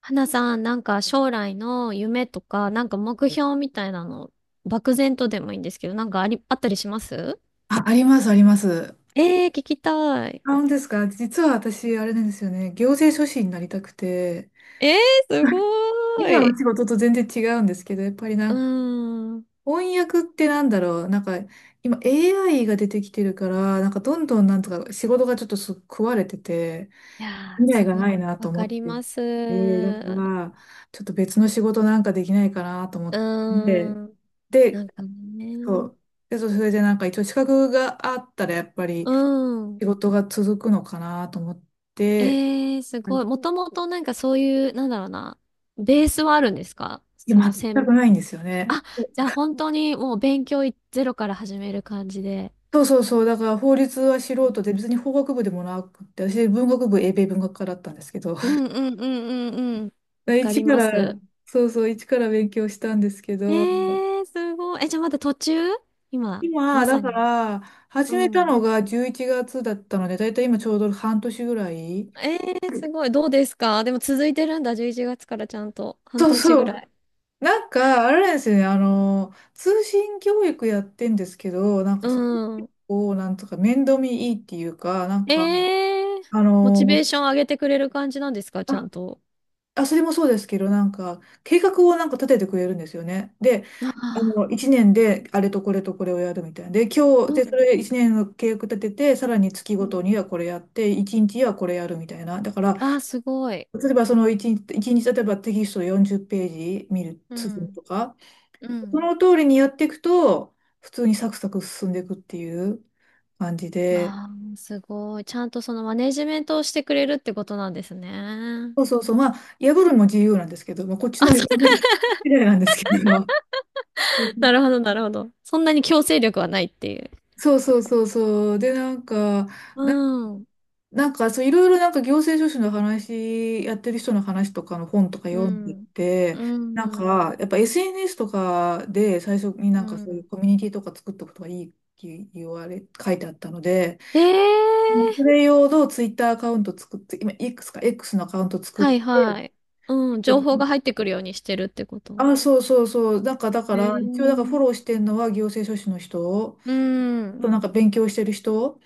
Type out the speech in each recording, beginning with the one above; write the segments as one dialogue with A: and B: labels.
A: 花さん、なんか将来の夢とか、なんか目標みたいなの、漠然とでもいいんですけど、なんかあり、あったりします？
B: あ、あります、あります。
A: ええー、聞きたい。
B: あ、本当ですか？実は私、あれなんですよね。行政書士になりたくて、
A: ええー、すご
B: 今
A: ー
B: の
A: い。
B: 仕事と全然違うんですけど、やっぱり
A: うー
B: な、
A: ん。
B: 翻訳ってなんだろう。なんか、今 AI が出てきてるから、なんかどんどんなんとか仕事がちょっと食われてて、
A: いやー、
B: 未来
A: す
B: が
A: ご
B: ない
A: い、
B: な
A: わ
B: と思
A: か
B: っ
A: り
B: てい
A: ます。う
B: て、だから、ちょっと別の仕事なんかできないかなと思
A: ー
B: って、
A: ん。な
B: で、
A: んか
B: そ
A: ね。
B: う。で、そう、それでなんか一応資格があったらやっぱり
A: うん。
B: 仕事が続くのかなと思って、
A: ええー、す
B: い
A: ごい。もともとなんかそういう、なんだろうな、ベースはあるんですか、
B: や、
A: その専
B: 全
A: 門。
B: くないんですよね。
A: あ、じゃあ本当にもう勉強いゼロから始める感じで。
B: そうそうそう、だから法律は素人で、別に法学部でもなくて、私文学部、英米文学科だったんですけど、
A: う んうんうんうんうん。わか
B: 一
A: り
B: か
A: ま
B: ら、
A: す。
B: そうそう、一から勉強したんですけ
A: え
B: ど、
A: ー、すごい。え、じゃあまだ途中、今、
B: 今、
A: ま
B: だ
A: さ
B: か
A: に。
B: ら、
A: う
B: 始めた
A: ん。
B: のが11月だったので、だいたい今ちょうど半年ぐらい。
A: えー、すごい。どうですか、でも続いてるんだ。11月からちゃんと。半
B: そう
A: 年ぐ
B: そ
A: ら
B: う、
A: い。
B: なんか、あれなんですよね、通信教育やってんですけど、なんか
A: う
B: そ
A: ん。
B: こを、なんとか面倒見いいっていうか、なん
A: え
B: か、
A: ー、
B: あ
A: モチベ
B: の、
A: ーション上げてくれる感じなんですか、ちゃ
B: あ、
A: んと。
B: あそれもそうですけど、なんか、計画をなんか立ててくれるんですよね。で、
A: ああ、
B: 1年であれとこれとこれをやるみたいな。で、今日、
A: う
B: で、そ
A: ん。
B: れ1年の計画立てて、さらに月
A: う
B: ごと
A: ん。
B: にはこれやって、1日はこれやるみたいな。だから、
A: ああ、すごい。
B: 例えばその1日、一日例えばテキスト40ページ見る、
A: う
B: 進む
A: ん。
B: とか、
A: う
B: そ
A: ん。
B: の通りにやっていくと、普通にサクサク進んでいくっていう感じで、
A: ああ、すごい。ちゃんとそのマネジメントをしてくれるってことなんですね。
B: そうそうそう、まあ、破るのも自由なんですけど、まあ、こっち
A: あ、
B: の破
A: そう。
B: り次第なんですけど、
A: なるほど、なるほど。そんなに強制力はないっていう。
B: そうそうそうそう、で、なんか、
A: う
B: な、
A: ん。
B: なんか、そう、いろいろなんか行政書士の話、やってる人の話とかの本とか
A: う
B: 読んで
A: ん。
B: て、
A: う
B: なん
A: ん。
B: か、やっぱ SNS とかで最初に
A: う
B: なんかそうい
A: ん。
B: うコミュニティとか作っとくとかいいって言われ、書いてあったので、
A: ええ
B: そ
A: ー。
B: れ用のツイッターアカウント作って、今 X か X のアカウント作っ
A: はい
B: て、
A: はい。うん。情報が入ってくるようにしてるってこと？
B: あ、そうそうそう。なんかだか
A: ええ
B: ら、一応だからフォ
A: ー。
B: ローしてるのは行政書士の人、
A: う
B: あと
A: ん。
B: なんか勉強してる人、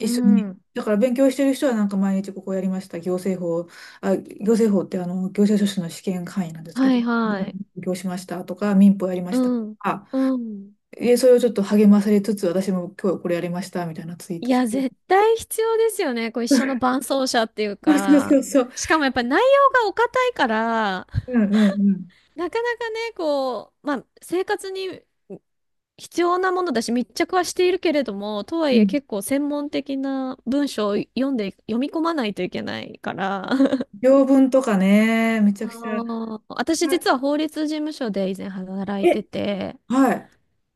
A: う
B: 緒に。
A: ん。
B: だから勉強してる人はなんか毎日ここやりました。行政法、あ、行政法ってあの、行政書士の試験範囲なんですけ
A: は
B: ど、
A: い
B: 勉
A: はい。
B: 強しましたとか、民法やりま
A: う
B: したと
A: ん。
B: か、
A: うん。
B: で、それをちょっと励まされつつ、私も今日これやりましたみたいなツイー
A: い
B: トし
A: や、
B: て。
A: 絶対必要ですよね。こう一緒の伴走者っていう
B: あ、そう
A: か。
B: そうそう。
A: しかもやっぱり内容がお堅いから、
B: うんうんうん。
A: なかなかね、こう、まあ、生活に必要なものだし密着はしているけれども、とは
B: う
A: いえ
B: ん、
A: 結構専門的な文章を読んで、読み込まないといけないから。
B: 条文とかね、めちゃ
A: あ
B: くちゃ。は
A: ー、私実は法律事務所で以前働
B: い、
A: いて
B: え、
A: て、
B: はい。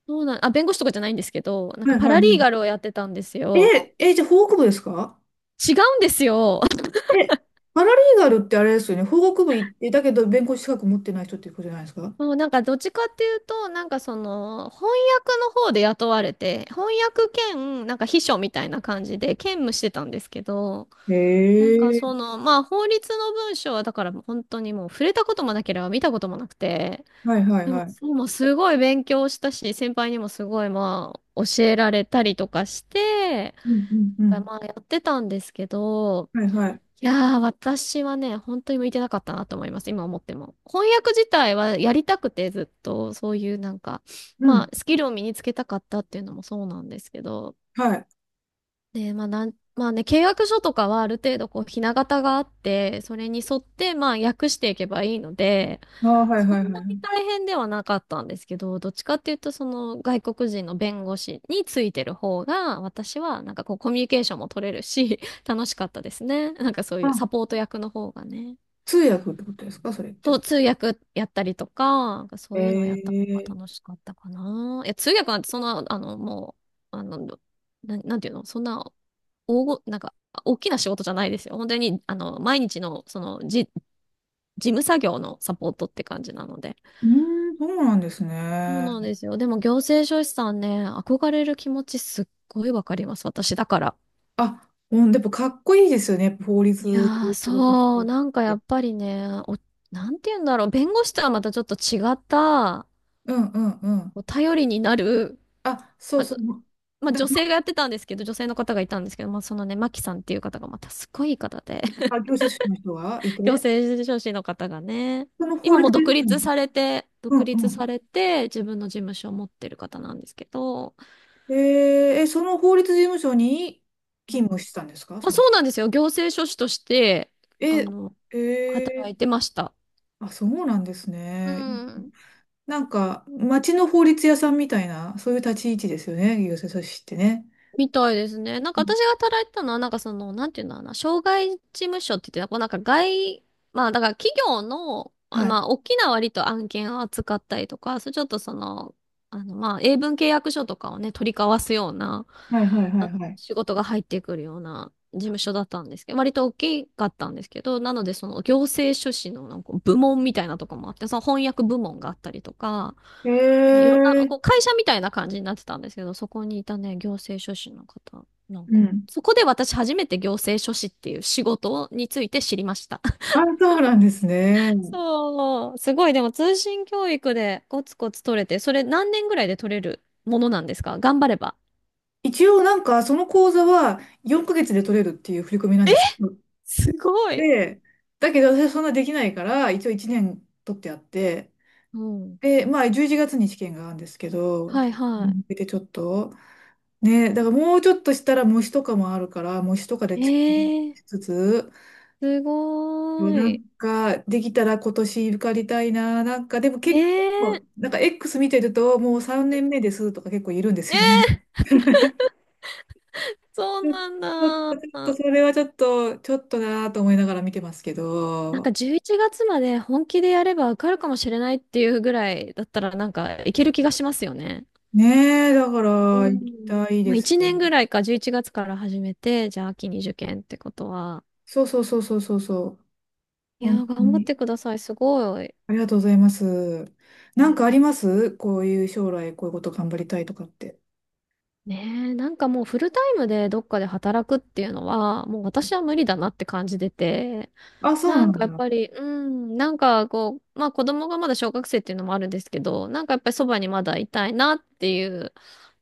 A: そうなん、あ、弁護士とかじゃないんですけど、なん
B: は
A: か
B: い
A: パ
B: はい。う
A: ラリーガ
B: ん、
A: ルをやってたんですよ。
B: え、え、じゃあ法学部ですか？
A: 違うんですよ。
B: え、パラリーガルってあれですよね。法学部行って、だけど弁護士資格持ってない人っていうことじゃないですか？
A: もうなんかどっちかっていうと、なんかその翻訳の方で雇われて、翻訳兼なんか秘書みたいな感じで兼務してたんですけど、
B: へ
A: なんかそ
B: え。
A: の、まあ法律の文章はだから本当にもう触れたこともなければ見たこともなくて、
B: はいはい
A: で
B: は
A: も、
B: い。
A: でもすごい勉強したし、先輩にもすごい、まあ教えられたりとかして、
B: うんうんうん。
A: まあやってたんですけど、
B: はいはい。
A: いやー、私はね、本当に向いてなかったなと思います、今思っても。翻訳自体はやりたくてずっと、そういうなんか、
B: う
A: まあ
B: ん。
A: スキルを身につけたかったっていうのもそうなんですけど、
B: はい。
A: で、まあなん、まあね、契約書とかはある程度こう、ひな形があって、それに沿って、まあ、訳していけばいいので、
B: ああ、はい
A: そん
B: はいは
A: なに
B: い。
A: 大変ではなかったんですけど、どっちかっていうと、その外国人の弁護士についてる方が、私はなんかこう、コミュニケーションも取れるし、楽しかったですね。なんかそういう
B: あ、
A: サポート役の方がね。
B: 通訳ってことですか、それっ
A: そ
B: て？
A: う、通訳やったりとか、なんかそ
B: へ
A: ういうのをやった方が
B: え。
A: 楽しかったかな。いや、通訳なんてそんな、あの、もう、あの、なんていうの、そんななんか、大きな仕事じゃないですよ。本当に、あの、毎日の、その、事務作業のサポートって感じなので。
B: うーん、そうなんです
A: そうなん
B: ね。
A: ですよ。でも、行政書士さんね、憧れる気持ちすっごいわかります。私だから。
B: あ、うん、でもかっこいいですよね。やっぱ法
A: いや
B: 律で
A: ー、
B: 仕事して
A: そう、
B: る
A: なんか
B: っ
A: や
B: て。
A: っぱりね、なんて言うんだろう、弁護士とはまたちょっと違った、
B: うんうんうん。
A: お頼りになる、
B: あ、そう
A: まあ、
B: そう。
A: まあ、
B: だ、
A: 女性がやってたんですけど、女性の方がいたんですけど、まあそのね、マキさんっていう方がまたすごいいい方で、
B: あ、業者主の人がい
A: 行
B: て、
A: 政書士の方がね。
B: その法
A: 今も
B: 律
A: う
B: 事
A: 独
B: 務所
A: 立
B: に、
A: されて、
B: う
A: 独
B: んう
A: 立
B: ん。
A: されて、自分の事務所を持ってる方なんですけど、
B: えー、え、その法律事務所に
A: う
B: 勤務
A: ん。
B: してたんですか、そ
A: あ、
B: の、
A: そうなんですよ。行政書士として、あ
B: え、
A: の、
B: え
A: 働
B: ー、
A: いてました。
B: あ、そうなんです
A: う
B: ね。
A: ん。
B: なんか、町の法律屋さんみたいな、そういう立ち位置ですよね、行政書士ってね。
A: みたいですね。なん
B: う
A: か
B: ん、
A: 私が働いてたのは、なんかその、なんていうんだろうな、障害事務所って言って、こうなんか外、まあだから企業の、あ
B: はい。
A: まあ大きな割と案件を扱ったりとか、それちょっとその、あのまあ英文契約書とかをね、取り交わすような、
B: はいはいは
A: あ
B: いはい。
A: 仕事が入ってくるような事務所だったんですけど、割と大きかったんですけど、なのでその行政書士のなんか部門みたいなとこもあって、その翻訳部門があったりとか、
B: え
A: そのいろんな、こう
B: え、
A: 会社みたいな感じになってたんですけど、そこにいたね、行政書士の方、なん
B: う
A: か、
B: ん。
A: そこで私初めて行政書士っていう仕事について知りました。
B: あ、そうなんですね。
A: そう、すごい、でも通信教育でコツコツ取れて、それ何年ぐらいで取れるものなんですか、頑張れば。
B: 一応なんか、その講座は4ヶ月で取れるっていう振り込みなんです。
A: すごい。
B: で、だけど私はそんなできないから、一応1年取ってあって、
A: うん。
B: で、まあ11月に試験があるんですけど、
A: はいは
B: 向けてちょっと、ね、だからもうちょっとしたら模試とかもあるから、模試とかで
A: い。えー、
B: しつつ、
A: す
B: で
A: ご
B: なん
A: い。
B: かできたら今年受かりたいな、なんかでも
A: ね
B: 結
A: え。
B: 構、なんか X 見てるともう3年目ですとか結構いるんです
A: ね
B: よ
A: え、
B: ね。
A: そ
B: ち
A: うなん
B: ょっと、ちょっと
A: だ。
B: それはちょっと、ちょっとなぁと思いながら見てますけ
A: なん
B: ど、
A: か11月まで本気でやれば受かるかもしれないっていうぐらいだったら、なんかいける気がしますよね。
B: ねえ、だから、
A: う
B: 行き
A: ん。
B: たい
A: ま
B: で
A: あ
B: す
A: 1
B: よ
A: 年
B: ね。
A: ぐらいか、11月から始めて、じゃあ秋に受験ってことは。
B: そうそうそうそうそうそう。
A: い
B: 本
A: やー、
B: 当
A: 頑張っ
B: に。
A: てください。すごい。
B: ありがとうございます。なんかありますこういう将来こういうこと頑張りたいとかって？
A: ねえ、なんかもうフルタイムでどっかで働くっていうのは、もう私は無理だなって感じてて、
B: あ、そう
A: な
B: な
A: んか
B: ん
A: やっ
B: だ。
A: ぱり、うん、なんかこう、まあ子供がまだ小学生っていうのもあるんですけど、なんかやっぱりそばにまだいたいなっていう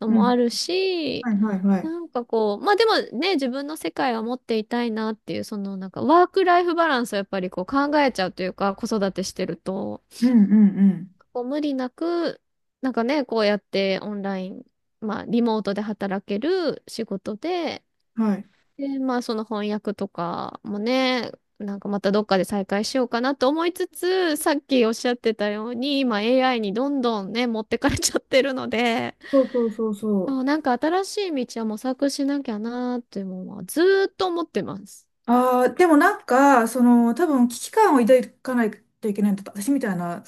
A: の
B: う
A: も
B: ん。
A: あるし、
B: はいはいはい。
A: なんかこう、まあでもね、自分の世界は持っていたいなっていう、そのなんかワークライフバランスをやっぱりこう考えちゃうというか、子育てしてると。
B: うんうんう
A: こう無理なく、なんかね、こうやってオンライン、まあ、リモートで働ける仕事で、
B: ん。はい。
A: で、まあ、その翻訳とかもね、なんかまたどっかで再開しようかなと思いつつ、さっきおっしゃってたように、今 AI にどんどんね、持ってかれちゃってるので、
B: そうそうそうそ
A: そ
B: う。
A: う、なんか新しい道は模索しなきゃなーっていうのはずーっと思ってます。
B: ああ、でもなんか、その、多分危機感を抱かないといけないんだった。私みたいな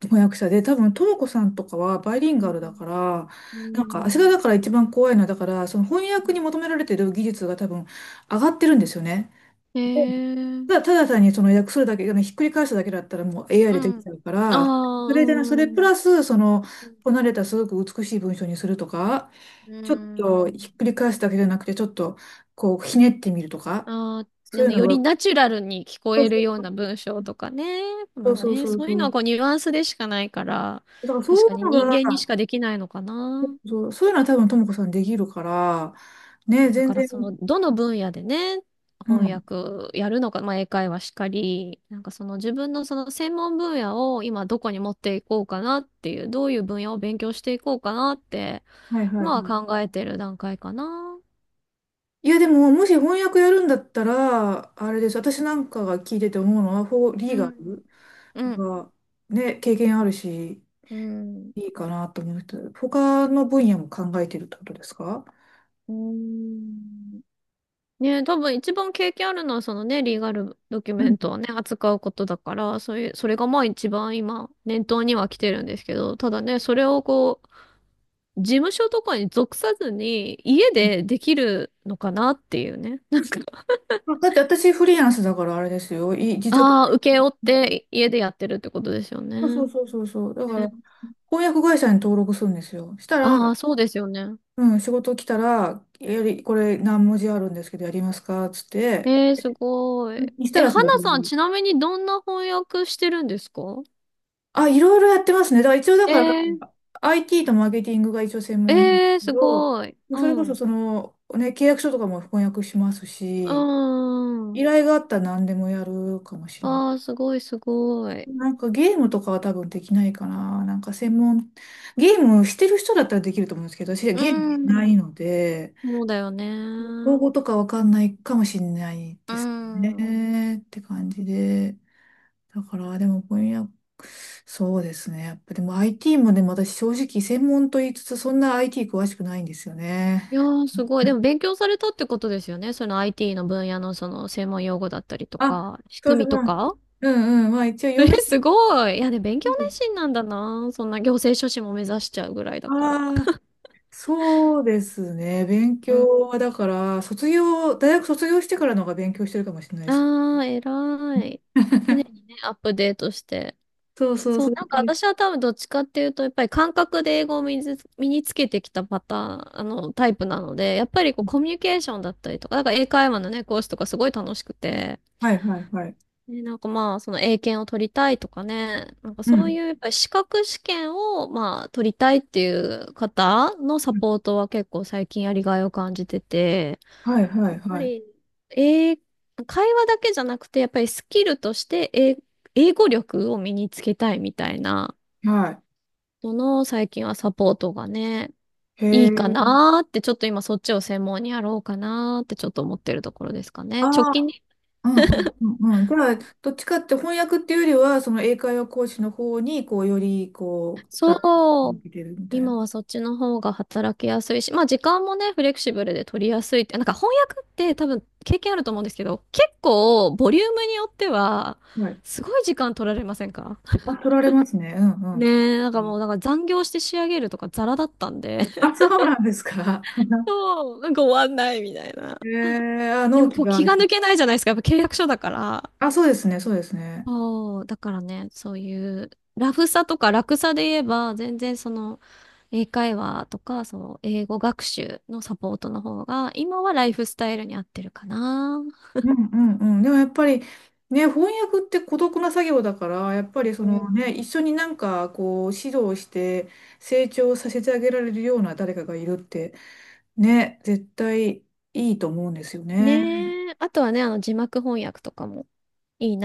B: 翻訳者で、多分、ともこさんとかはバイリン
A: う
B: ガ
A: ん。
B: ルだから、
A: う
B: なんか、私がだ
A: ん。
B: から一番怖いのは、だから、その翻訳に求められてる技術が多分上がってるんですよね。
A: へえ。
B: ただ、ただ単にその訳するだけ、あのひっくり返すだけだったらもう AI
A: う
B: でできち
A: ん。
B: ゃうか
A: ああ、
B: ら、そ
A: う
B: れでね、それプ
A: ん。
B: ラス、その、
A: うん。
B: こなれたすごく美しい文章にするとか、
A: うー
B: ちょっとひ
A: ん。
B: っくり返すだけじゃなくて、ちょっとこう、ひねってみるとか、
A: あー、
B: そう
A: あ
B: いう
A: の、
B: の
A: より
B: が、
A: ナチュラルに聞こえるような文章とかね。ま
B: そ
A: あ
B: うそう
A: ね、
B: そう
A: そうい
B: そ
A: うのは
B: う。
A: こうニュアンスでしかないから、
B: だからそう
A: 確
B: いう
A: かに
B: の
A: 人
B: が、
A: 間にしかできないのかな。
B: そう、そういうのは多分ともこさんできるから、ね、
A: ね、だ
B: 全
A: から
B: 然、
A: その、どの分野でね、
B: う
A: 翻
B: ん。
A: 訳やるのか、まあ英会話しかり、なんかその自分のその専門分野を今どこに持っていこうかなっていう、どういう分野を勉強していこうかなって、
B: はいはい
A: 今は
B: はい。
A: 考えてる段階かな。
B: いやでも、もし翻訳やるんだったら、あれです。私なんかが聞いてて思うのは、フォーリ
A: う
B: ーガ
A: ん。
B: ル。
A: う
B: だ
A: ん。
B: からね、経験あるし、
A: うん。
B: いいかなと思うと他の分野も考えてるってことですか？
A: うーん、ねえ、多分一番経験あるのはそのね、リーガルドキュ
B: う
A: メ
B: ん、
A: ントをね、扱うことだから、そういう、それがまあ一番今、念頭には来てるんですけど、ただね、それをこう、事務所とかに属さずに、家でできるのかなっていうね。なんか、
B: あ、だって私フリーランスだからあれですよ。自宅
A: ああ、
B: で。
A: 請け負って家でやってるってことですよね。
B: そうそう
A: ね、
B: そうそうそう。だから、翻訳会社に登録するんですよ。したら、
A: ああー、そうですよね。
B: うん、仕事来たら、これ何文字あるんですけどやりますかっつって、
A: えー、すご
B: う
A: い。
B: ん、した
A: え、
B: らそれ
A: 花さん、
B: で、
A: ちなみにどんな翻訳してるんですか？
B: あ、いろいろやってますね。だから一応だ
A: え
B: から、
A: ー、
B: IT とマーケティングが一応専門なんです
A: えー、
B: け
A: す
B: ど、も
A: ごい。
B: う
A: う
B: それこ
A: ん。
B: そ
A: う
B: その、ね、契約書とかも翻訳します
A: ー
B: し、依
A: ん。
B: 頼があったら何でもやるかもしれない。
A: ああ、すごいすごい。
B: なんかゲームとかは多分できないかな。なんか専門、ゲームしてる人だったらできると思うんですけど、私はゲーム
A: う
B: しない
A: ん。
B: ので、
A: そうだよね。
B: 用語とかわかんないかもしれない
A: う
B: です
A: ん。
B: ね。って感じで。だから、でも、翻訳、そうですね。やっぱ、でも IT もね、私正直専門と言いつつ、そんな IT 詳しくないんですよね。
A: いやー、すごい。でも勉強されたってことですよね。その IT の分野のその専門用語だったりと
B: あ、
A: か、仕
B: そう
A: 組
B: です。
A: みと
B: まあ、
A: か。
B: うんうん。まあ、一応
A: え、
B: 読め
A: すごい。いや、ね、勉強
B: る。
A: 熱心なんだな。そんな行政書士も目指しちゃうぐらいだから。
B: ああ、そうですね。勉
A: う
B: 強
A: ん、
B: は、だから、大学卒業してからの方が勉強してるかもしれないです。
A: あー、偉い。常に ね、アップデートして。
B: そうそう
A: そう、
B: そう。
A: なんか私は多分どっちかっていうと、やっぱり感覚で英語を身につけてきたパターン、あの、タイプなので、やっぱりこうコミュニケーションだったりとか、なんか英会話のね、講師とかすごい楽しくて、
B: はいはいはい。
A: ね、なんかまあ、その英検を取りたいとかね、なんか
B: う
A: そう
B: ん。
A: いうやっぱり資格試験をまあ、取りたいっていう方のサ
B: うん、
A: ポートは結構最近やりがいを感じてて、
B: はいは
A: や
B: い
A: っぱ
B: はい。
A: り、英会話だけじゃなくて、やっぱりスキルとして英語力を身につけたいみたいな、
B: はい。
A: その最近はサポートがね、
B: へ
A: いいか
B: え。
A: なーって、ちょっと今そっちを専門にやろうかなーってちょっと思ってるところですか
B: あ
A: ね。直
B: あ。
A: 近に、
B: うんうんうんうん。だから、どっちかって翻訳っていうよりは、その英会話講師の方に、こう、より、こう、力を
A: そ
B: 向
A: う、
B: けてるみたいな。
A: 今はそっちの方が働きやすいし、まあ時間もね、フレキシブルで取りやすいって、なんか翻訳って多分経験あると思うんですけど、結構ボリュームによっては、
B: はい。
A: すごい時間取られませんか？
B: あ、取られますね。う んうん。
A: ねえ、なんかもうなんか残業して仕上げるとかザラだったんで、
B: あ、そうなんですか？
A: そう、なんか終わんないみたいな。
B: へえー、あ、
A: で
B: 納
A: も
B: 期
A: 今日
B: があ
A: 気が
B: る。
A: 抜けないじゃないですか、やっぱ契約書だから。
B: あ、そうですね、そうですね。
A: そう、だからね、そういう、ラフさとか楽さで言えば、全然その、英会話とか、その、英語学習のサポートの方が、今はライフスタイルに合ってるかな。
B: うんうんうん。でもやっぱりね、翻訳って孤独な作業だから、やっぱりそ
A: う
B: のね、
A: ん、
B: 一緒になんかこう指導して成長させてあげられるような誰かがいるってね、絶対いいと思うんですよね。
A: ねえ、あとはね、あの、字幕翻訳とかもいいね